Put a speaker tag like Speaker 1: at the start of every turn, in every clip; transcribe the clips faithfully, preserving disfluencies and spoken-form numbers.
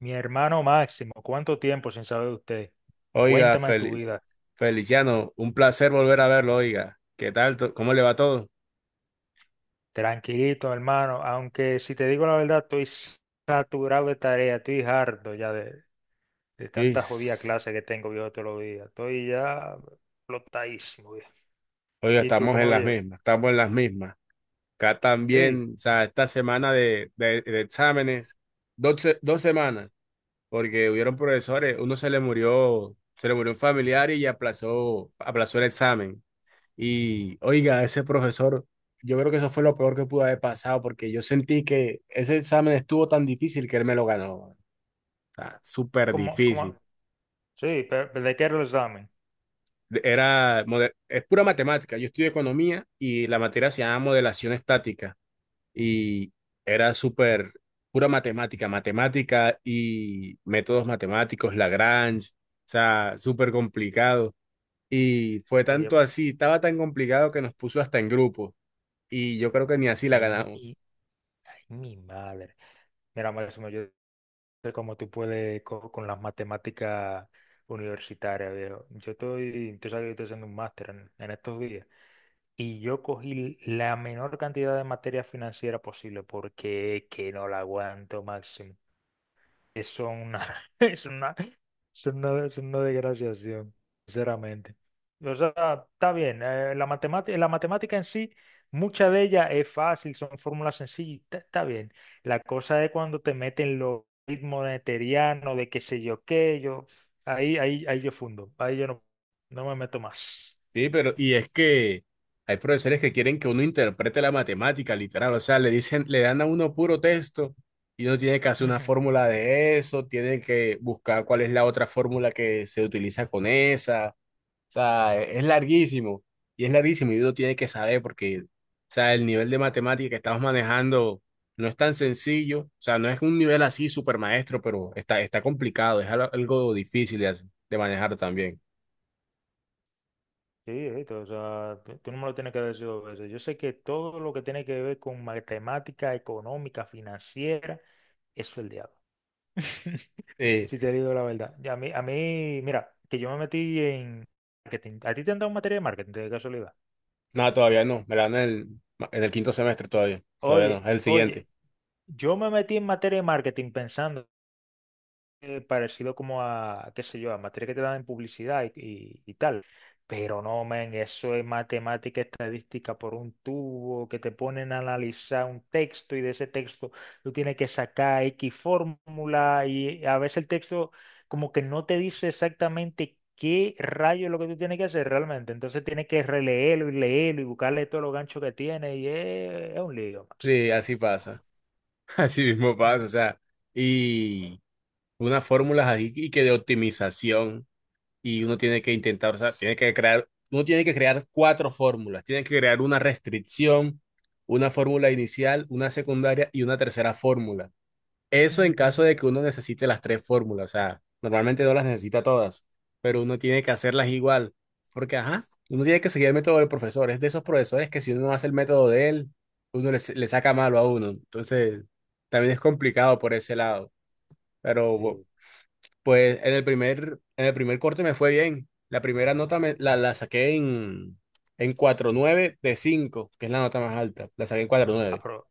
Speaker 1: Mi hermano Máximo, ¿cuánto tiempo sin saber de usted?
Speaker 2: Oiga,
Speaker 1: Cuéntame tu
Speaker 2: Fel-
Speaker 1: vida.
Speaker 2: Feliciano, un placer volver a verlo, oiga. ¿Qué tal? to- ¿Cómo le va todo?
Speaker 1: Tranquilito, hermano, aunque si te digo la verdad, estoy saturado de tarea, estoy harto ya de, de tanta jodida
Speaker 2: Is,
Speaker 1: clase que tengo yo todos los días. Estoy ya flotadísimo, viejo.
Speaker 2: Oiga,
Speaker 1: ¿Y tú
Speaker 2: estamos
Speaker 1: cómo
Speaker 2: en
Speaker 1: lo
Speaker 2: las
Speaker 1: llevas?
Speaker 2: mismas, estamos en las mismas. Acá
Speaker 1: Sí,
Speaker 2: también, o sea, esta semana de, de- de exámenes, dos, se- dos semanas, porque hubieron profesores, uno se le murió, se le murió un familiar y aplazó, aplazó el examen. Y, oiga, ese profesor, yo creo que eso fue lo peor que pudo haber pasado, porque yo sentí que ese examen estuvo tan difícil que él me lo ganó. O sea, súper
Speaker 1: ¿cómo, cómo?
Speaker 2: difícil.
Speaker 1: Sí, pero, pero ¿de qué era el examen?
Speaker 2: Era, mode- es pura matemática. Yo estudié economía y la materia se llama modelación estática y era súper pura matemática, matemática y métodos matemáticos, Lagrange, o sea, súper complicado. Y fue
Speaker 1: Oye,
Speaker 2: tanto así, estaba tan complicado que nos puso hasta en grupo y yo creo que ni así la
Speaker 1: ay mi,
Speaker 2: ganamos.
Speaker 1: ay, mi madre. Mira, Máximo, yo sé cómo tú puedes co- con, las matemáticas universitarias, viejo. Yo estoy, tú sabes que yo estoy haciendo un máster en, en estos días y yo cogí la menor cantidad de materia financiera posible porque es que no la aguanto, Máximo. Es una, es una es una, es una desgraciación, sinceramente. O sea, está bien. eh, la matemática, la matemática en sí, mucha de ella es fácil, son fórmulas sencillas, está, está bien. La cosa es cuando te meten los ritmos newtonianos, de qué sé yo qué, yo, ahí, ahí, ahí yo fundo, ahí yo no, no me meto más.
Speaker 2: Sí, pero y es que hay profesores que quieren que uno interprete la matemática, literal, o sea, le dicen, le dan a uno puro texto y uno tiene que hacer una
Speaker 1: Ujú.
Speaker 2: fórmula de eso, tiene que buscar cuál es la otra fórmula que se utiliza con esa, o sea, es es larguísimo y es larguísimo y uno tiene que saber porque, o sea, el nivel de matemática que estamos manejando no es tan sencillo, o sea, no es un nivel así super maestro, pero está, está complicado, es algo algo difícil de, hacer- de manejar también.
Speaker 1: Sí, esto, o sea, tú tú no me lo tienes que decir dos veces. Yo sé que todo lo que tiene que ver con matemática económica, financiera, eso es el diablo.
Speaker 2: Eh,
Speaker 1: Si te digo la verdad. Y A mí, a mí, mira, que yo me metí en marketing. ¿A ti te han dado materia de marketing de casualidad?
Speaker 2: No, todavía no. Me la dan en el, en el, quinto semestre todavía. Todavía
Speaker 1: Oye,
Speaker 2: no. El siguiente.
Speaker 1: oye, yo me metí en materia de marketing pensando eh, parecido como a, qué sé yo, a materia que te dan en publicidad y, y- y tal. Pero no, men eso es matemática estadística por un tubo, que te ponen a analizar un texto y de ese texto tú tienes que sacar X fórmula y a veces el texto como que no te dice exactamente qué rayo es lo que tú tienes que hacer realmente. Entonces tienes que releerlo y leerlo y buscarle todos los ganchos que tiene y es, es un lío, Máximo.
Speaker 2: Sí, así pasa. Así mismo
Speaker 1: Ujú.
Speaker 2: pasa. O sea, y unas fórmulas ahí y que de optimización. Y uno tiene que intentar, o sea, tiene que crear, uno tiene que crear cuatro fórmulas. Tiene que crear una restricción, una fórmula inicial, una secundaria y una tercera fórmula. Eso en caso
Speaker 1: Ujú.
Speaker 2: de que uno necesite las tres fórmulas, o sea, normalmente no las necesita todas, pero uno tiene que hacerlas igual, porque ajá, uno tiene que seguir el método del profesor, es de esos profesores que si uno no hace el método de él, uno le, le saca malo a uno, entonces también es complicado por ese lado, pero bu-
Speaker 1: Sí.
Speaker 2: pues en el primer, en el primer corte me fue bien, la primera nota me, la, la saqué en, en cuatro punto nueve de cinco, que es la nota más alta, la saqué en cuatro punto
Speaker 1: Ah,
Speaker 2: nueve.
Speaker 1: pero-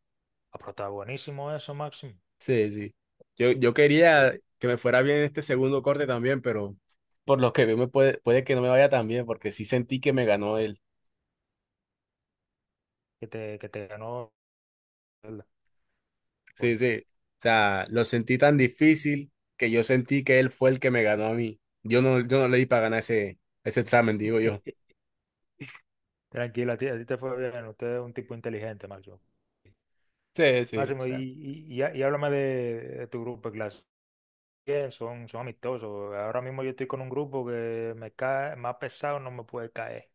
Speaker 1: ah, pero está buenísimo eso, Máximo.
Speaker 2: Sí, sí. Yo, yo quería
Speaker 1: Oye,
Speaker 2: que me fuera bien este segundo corte también, pero por lo que veo me puede, puede que no me vaya tan bien, porque sí sentí que me ganó él.
Speaker 1: que te, que te ganó. ¿Verdad?
Speaker 2: Sí, sí.
Speaker 1: Oye,
Speaker 2: O sea, lo sentí tan difícil que yo sentí que él fue el que me ganó a mí. Yo no, yo no le di para ganar ese, ese examen, digo yo.
Speaker 1: tranquilo, a ti, a ti te fue bien. Usted es un tipo inteligente, Máximo.
Speaker 2: Sí, sí. O
Speaker 1: Máximo, y,
Speaker 2: sea,
Speaker 1: y, y há- y háblame de, de tu grupo de clase. ¿Qué? Son, son amistosos. Ahora mismo yo estoy con un grupo que me cae, más pesado no me puede caer,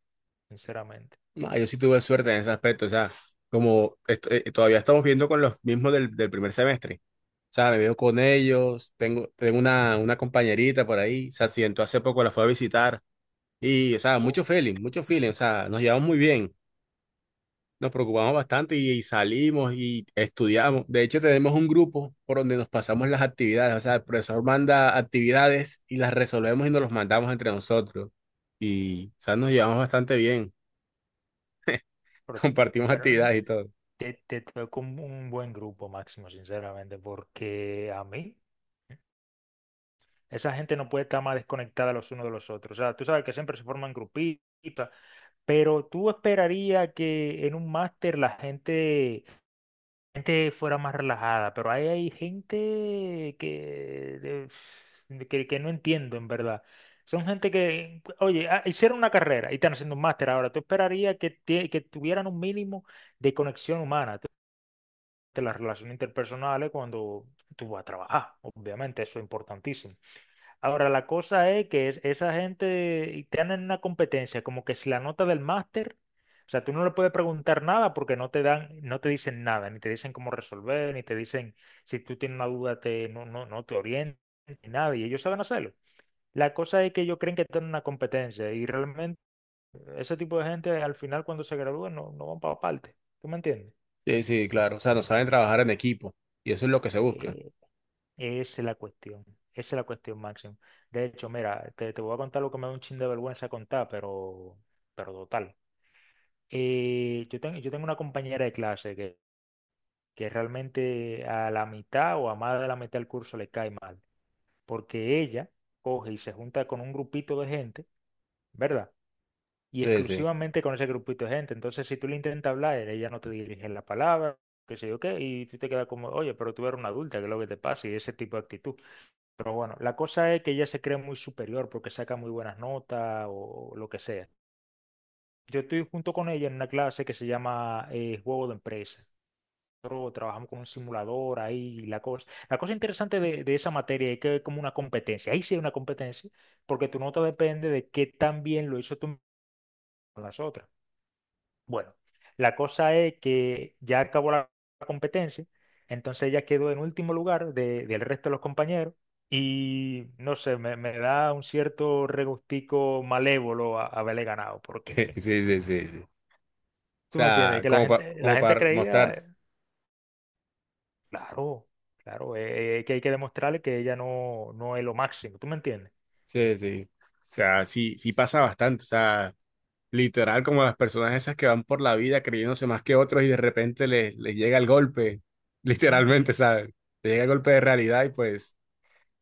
Speaker 1: sinceramente.
Speaker 2: no, yo sí tuve suerte en ese aspecto. O sea, como est- eh, todavía estamos viendo con los mismos del, del primer semestre. O sea, me veo con ellos, tengo, tengo una, una compañerita por ahí, se accidentó hace poco, la fue a visitar. Y, o sea, mucho
Speaker 1: Oh,
Speaker 2: feeling, mucho feeling, o sea, nos llevamos muy bien, nos preocupamos bastante y, y salimos y estudiamos. De hecho, tenemos un grupo por donde nos pasamos las actividades, o sea, el profesor manda actividades y las resolvemos y nos los mandamos entre nosotros. Y, o sea, nos llevamos bastante bien,
Speaker 1: pero, tú-
Speaker 2: compartimos
Speaker 1: pero no,
Speaker 2: actividades y todo.
Speaker 1: te, te tocó un, un buen grupo, Máximo, sinceramente, porque a mí, esa gente no puede estar más desconectada los unos de los otros. O sea, tú sabes que siempre se forman grupitos. Pero tú esperaría que en un máster la gente, gente fuera más relajada, pero ahí hay gente que, de- de- que, que no entiendo en verdad. Son gente que, oye, ah, hicieron una carrera y están haciendo un máster ahora. Tú esperaría que, tie- que tuvieran un mínimo de conexión humana, de las relaciones interpersonales cuando tú vas a trabajar. Obviamente, eso es importantísimo. Ahora, la cosa es que es, esa gente y te una competencia, como que si la nota del máster, o sea, tú no le puedes preguntar nada porque no te dan, no te dicen nada, ni te dicen cómo resolver, ni te dicen si tú tienes una duda, te, no, no, no te orientan, ni nada, y ellos saben hacerlo. La cosa es que ellos creen que tienen una competencia y realmente ese tipo de gente al final cuando se gradúan no, no van para parte, ¿tú me entiendes?
Speaker 2: Sí, sí, claro, o sea, nos saben trabajar en equipo y eso es lo que se busca.
Speaker 1: Eh, Esa es la cuestión, esa es la cuestión, Máximo. De hecho, mira, te, te voy a contar lo que me da un chin de vergüenza contar, pero, pero total. Eh, yo, tengo yo tengo una compañera de clase que, que realmente a la mitad o a más de la mitad del curso le cae mal, porque ella coge y se junta con un grupito de gente, ¿verdad? Y
Speaker 2: Sí, sí,
Speaker 1: exclusivamente con ese grupito de gente. Entonces, si tú le intentas hablar, ella no te dirige la palabra, qué sé yo qué, y tú te quedas como, oye, pero tú eres una adulta, ¿qué es lo que te pasa? Y ese tipo de actitud. Pero bueno, la cosa es que ella se cree muy superior porque saca muy buenas notas o lo que sea. Yo estoy junto con ella en una clase que se llama eh, Juego de Empresa. Nosotros trabajamos con un simulador ahí y la cosa. La cosa interesante de, de esa materia es que es como una competencia. Ahí sí hay una competencia porque tu nota depende de qué tan bien lo hizo tú con las otras. Bueno, la cosa es que ya acabó la competencia, entonces ella quedó en último lugar de- del resto de los compañeros y no sé, me, me da un cierto regustico malévolo a- haberle ganado, porque
Speaker 2: sí, sí, sí, sí. O
Speaker 1: tú me entiendes,
Speaker 2: sea,
Speaker 1: que la
Speaker 2: como, pa-
Speaker 1: gente, la
Speaker 2: como
Speaker 1: gente
Speaker 2: para mostrar,
Speaker 1: creía, eh, claro, claro, eh, eh, que hay que demostrarle que ella no, no es lo máximo, ¿tú me entiendes?
Speaker 2: sí, sí. O sea, sí, sí pasa bastante, o sea. Literal, como las personas esas que van por la vida creyéndose más que otros y de repente les, les llega el golpe, literalmente,
Speaker 1: Ujú.
Speaker 2: ¿sabes? Les llega el golpe de realidad y pues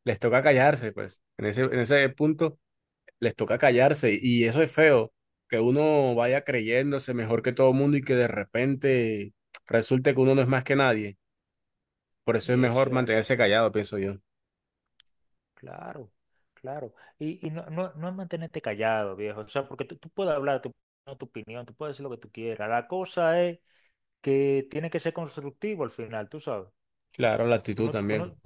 Speaker 2: les toca callarse, pues. En ese, en ese punto les toca callarse y eso es feo, que uno vaya creyéndose mejor que todo el mundo y que de repente resulte que uno no es más que nadie. Por eso es mejor
Speaker 1: Eso es así.
Speaker 2: mantenerse callado, pienso yo.
Speaker 1: Claro, claro. Y, y no, no, no es mantenerte callado, viejo. O sea, porque tú, tú puedes hablar tu, tu opinión, tú puedes decir lo que tú quieras. La cosa es que tiene que ser constructivo al final, tú sabes.
Speaker 2: Claro, la
Speaker 1: Tú
Speaker 2: actitud
Speaker 1: no, tú
Speaker 2: también.
Speaker 1: no,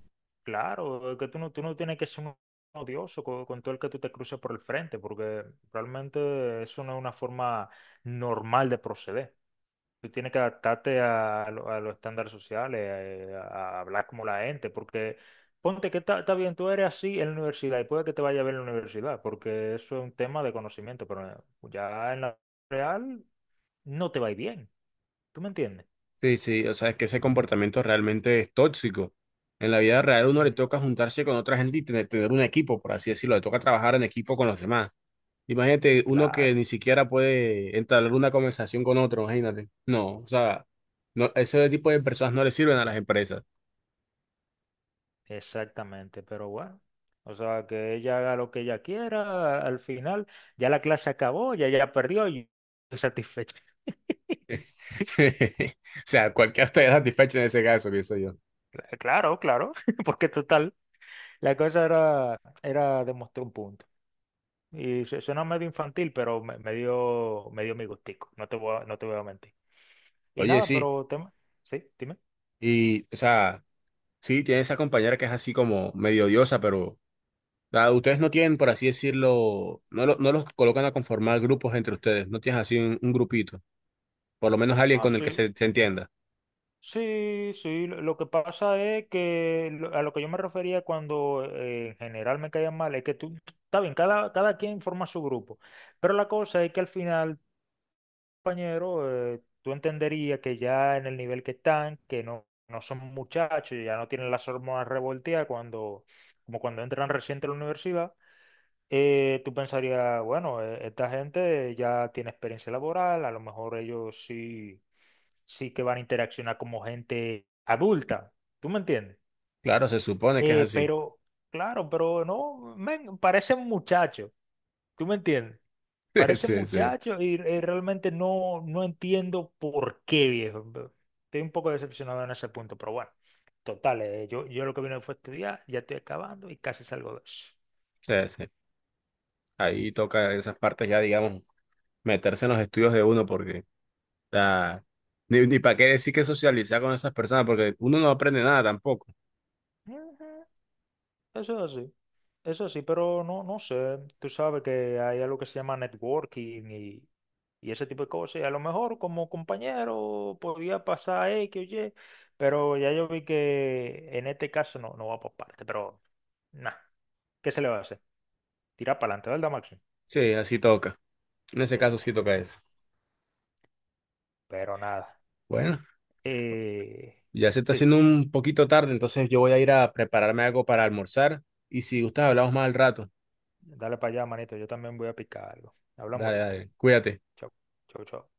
Speaker 1: claro, es que tú no, tú no tienes que ser un odioso con, con todo el que tú te cruces por el frente, porque realmente eso no es una forma normal de proceder. Tú tienes que adaptarte a, lo- a los estándares sociales, eh, a, a hablar como la gente, porque ponte que está, está bien, tú eres así en la universidad y puede que te vaya bien en la universidad, porque eso es un tema de conocimiento, pero ya en la real no te va a ir bien. ¿Tú me entiendes?
Speaker 2: Sí, sí, o sea, es que ese comportamiento realmente es tóxico. En la vida real uno le
Speaker 1: Mm,
Speaker 2: toca juntarse con otra gente y tener, tener un equipo, por así decirlo, le toca trabajar en equipo con los demás. Imagínate uno que
Speaker 1: claro,
Speaker 2: ni siquiera puede entablar una conversación con otro, imagínate. No, o sea, no, ese tipo de personas no le sirven a las empresas.
Speaker 1: exactamente, pero bueno. O sea, que ella haga lo que ella quiera, al final ya la clase acabó, ya ya perdió y estoy satisfecho.
Speaker 2: O sea, cualquiera estaría satisfecho en ese caso, pienso yo.
Speaker 1: Claro, claro, porque total. La cosa era, era demostrar un punto. Y su- suena medio infantil, pero me, me dio, me dio mi gustico. No te voy a, no te voy a mentir. Y
Speaker 2: Oye,
Speaker 1: nada,
Speaker 2: sí,
Speaker 1: pero tema. Sí, dime.
Speaker 2: y, o sea, sí, tiene esa compañera que es así como medio odiosa, pero. Ah, ustedes no tienen, por así decirlo, no, lo- no los colocan a conformar grupos entre ustedes, no tienes así un, un grupito, por lo menos alguien
Speaker 1: Ah,
Speaker 2: con el que
Speaker 1: sí.
Speaker 2: se, se entienda.
Speaker 1: Sí, sí. Lo lo que pasa es que lo- a lo que yo me refería cuando eh, en general me caían mal es que tú, está bien, cada, cada quien forma su grupo. Pero la cosa es que al final compañero, eh, tú entenderías que ya en el nivel que están, que no, no son muchachos, ya no tienen las hormonas revolteadas cuando, como cuando entran reciente a la universidad, eh, tú pensarías, bueno, eh, esta gente ya tiene experiencia laboral, a lo mejor ellos sí, sí que van a interaccionar como gente adulta, ¿tú me entiendes?
Speaker 2: Claro, se supone que es
Speaker 1: Eh,
Speaker 2: así.
Speaker 1: pero, claro, pero no, men, parecen muchachos, ¿tú me entiendes? Parece
Speaker 2: Sí, sí,
Speaker 1: muchacho y, eh, realmente no, no entiendo por qué, viejo. Estoy un poco decepcionado en ese punto, pero bueno, total, eh, yo, yo lo que vine fue a estudiar, ya estoy acabando y casi salgo de eso.
Speaker 2: sí, sí. Ahí toca esas partes ya, digamos, meterse en los estudios de uno, porque ah, ni, ni para qué decir que socializar con esas personas, porque uno no aprende nada tampoco.
Speaker 1: Ujú. Eso es así, eso sí, pero no, no sé, tú sabes que hay algo que se llama networking y, y ese tipo de cosas, y a lo mejor como compañero podía pasar X o Y, pero ya yo vi que en este caso no, no va por parte, pero nada, ¿qué se le va a hacer? Tira para adelante, ¿verdad, Maxi?
Speaker 2: Sí, así toca. En ese caso
Speaker 1: Eh,
Speaker 2: sí toca eso.
Speaker 1: pero nada.
Speaker 2: Bueno,
Speaker 1: Eh,
Speaker 2: ya se está
Speaker 1: sí,
Speaker 2: haciendo un poquito tarde, entonces yo voy a ir a prepararme algo para almorzar y si gustas hablamos más al rato.
Speaker 1: dale para allá, manito. Yo también voy a picar algo. Hablamos
Speaker 2: Dale,
Speaker 1: ahorita.
Speaker 2: dale, cuídate.
Speaker 1: Chau, chau, chau.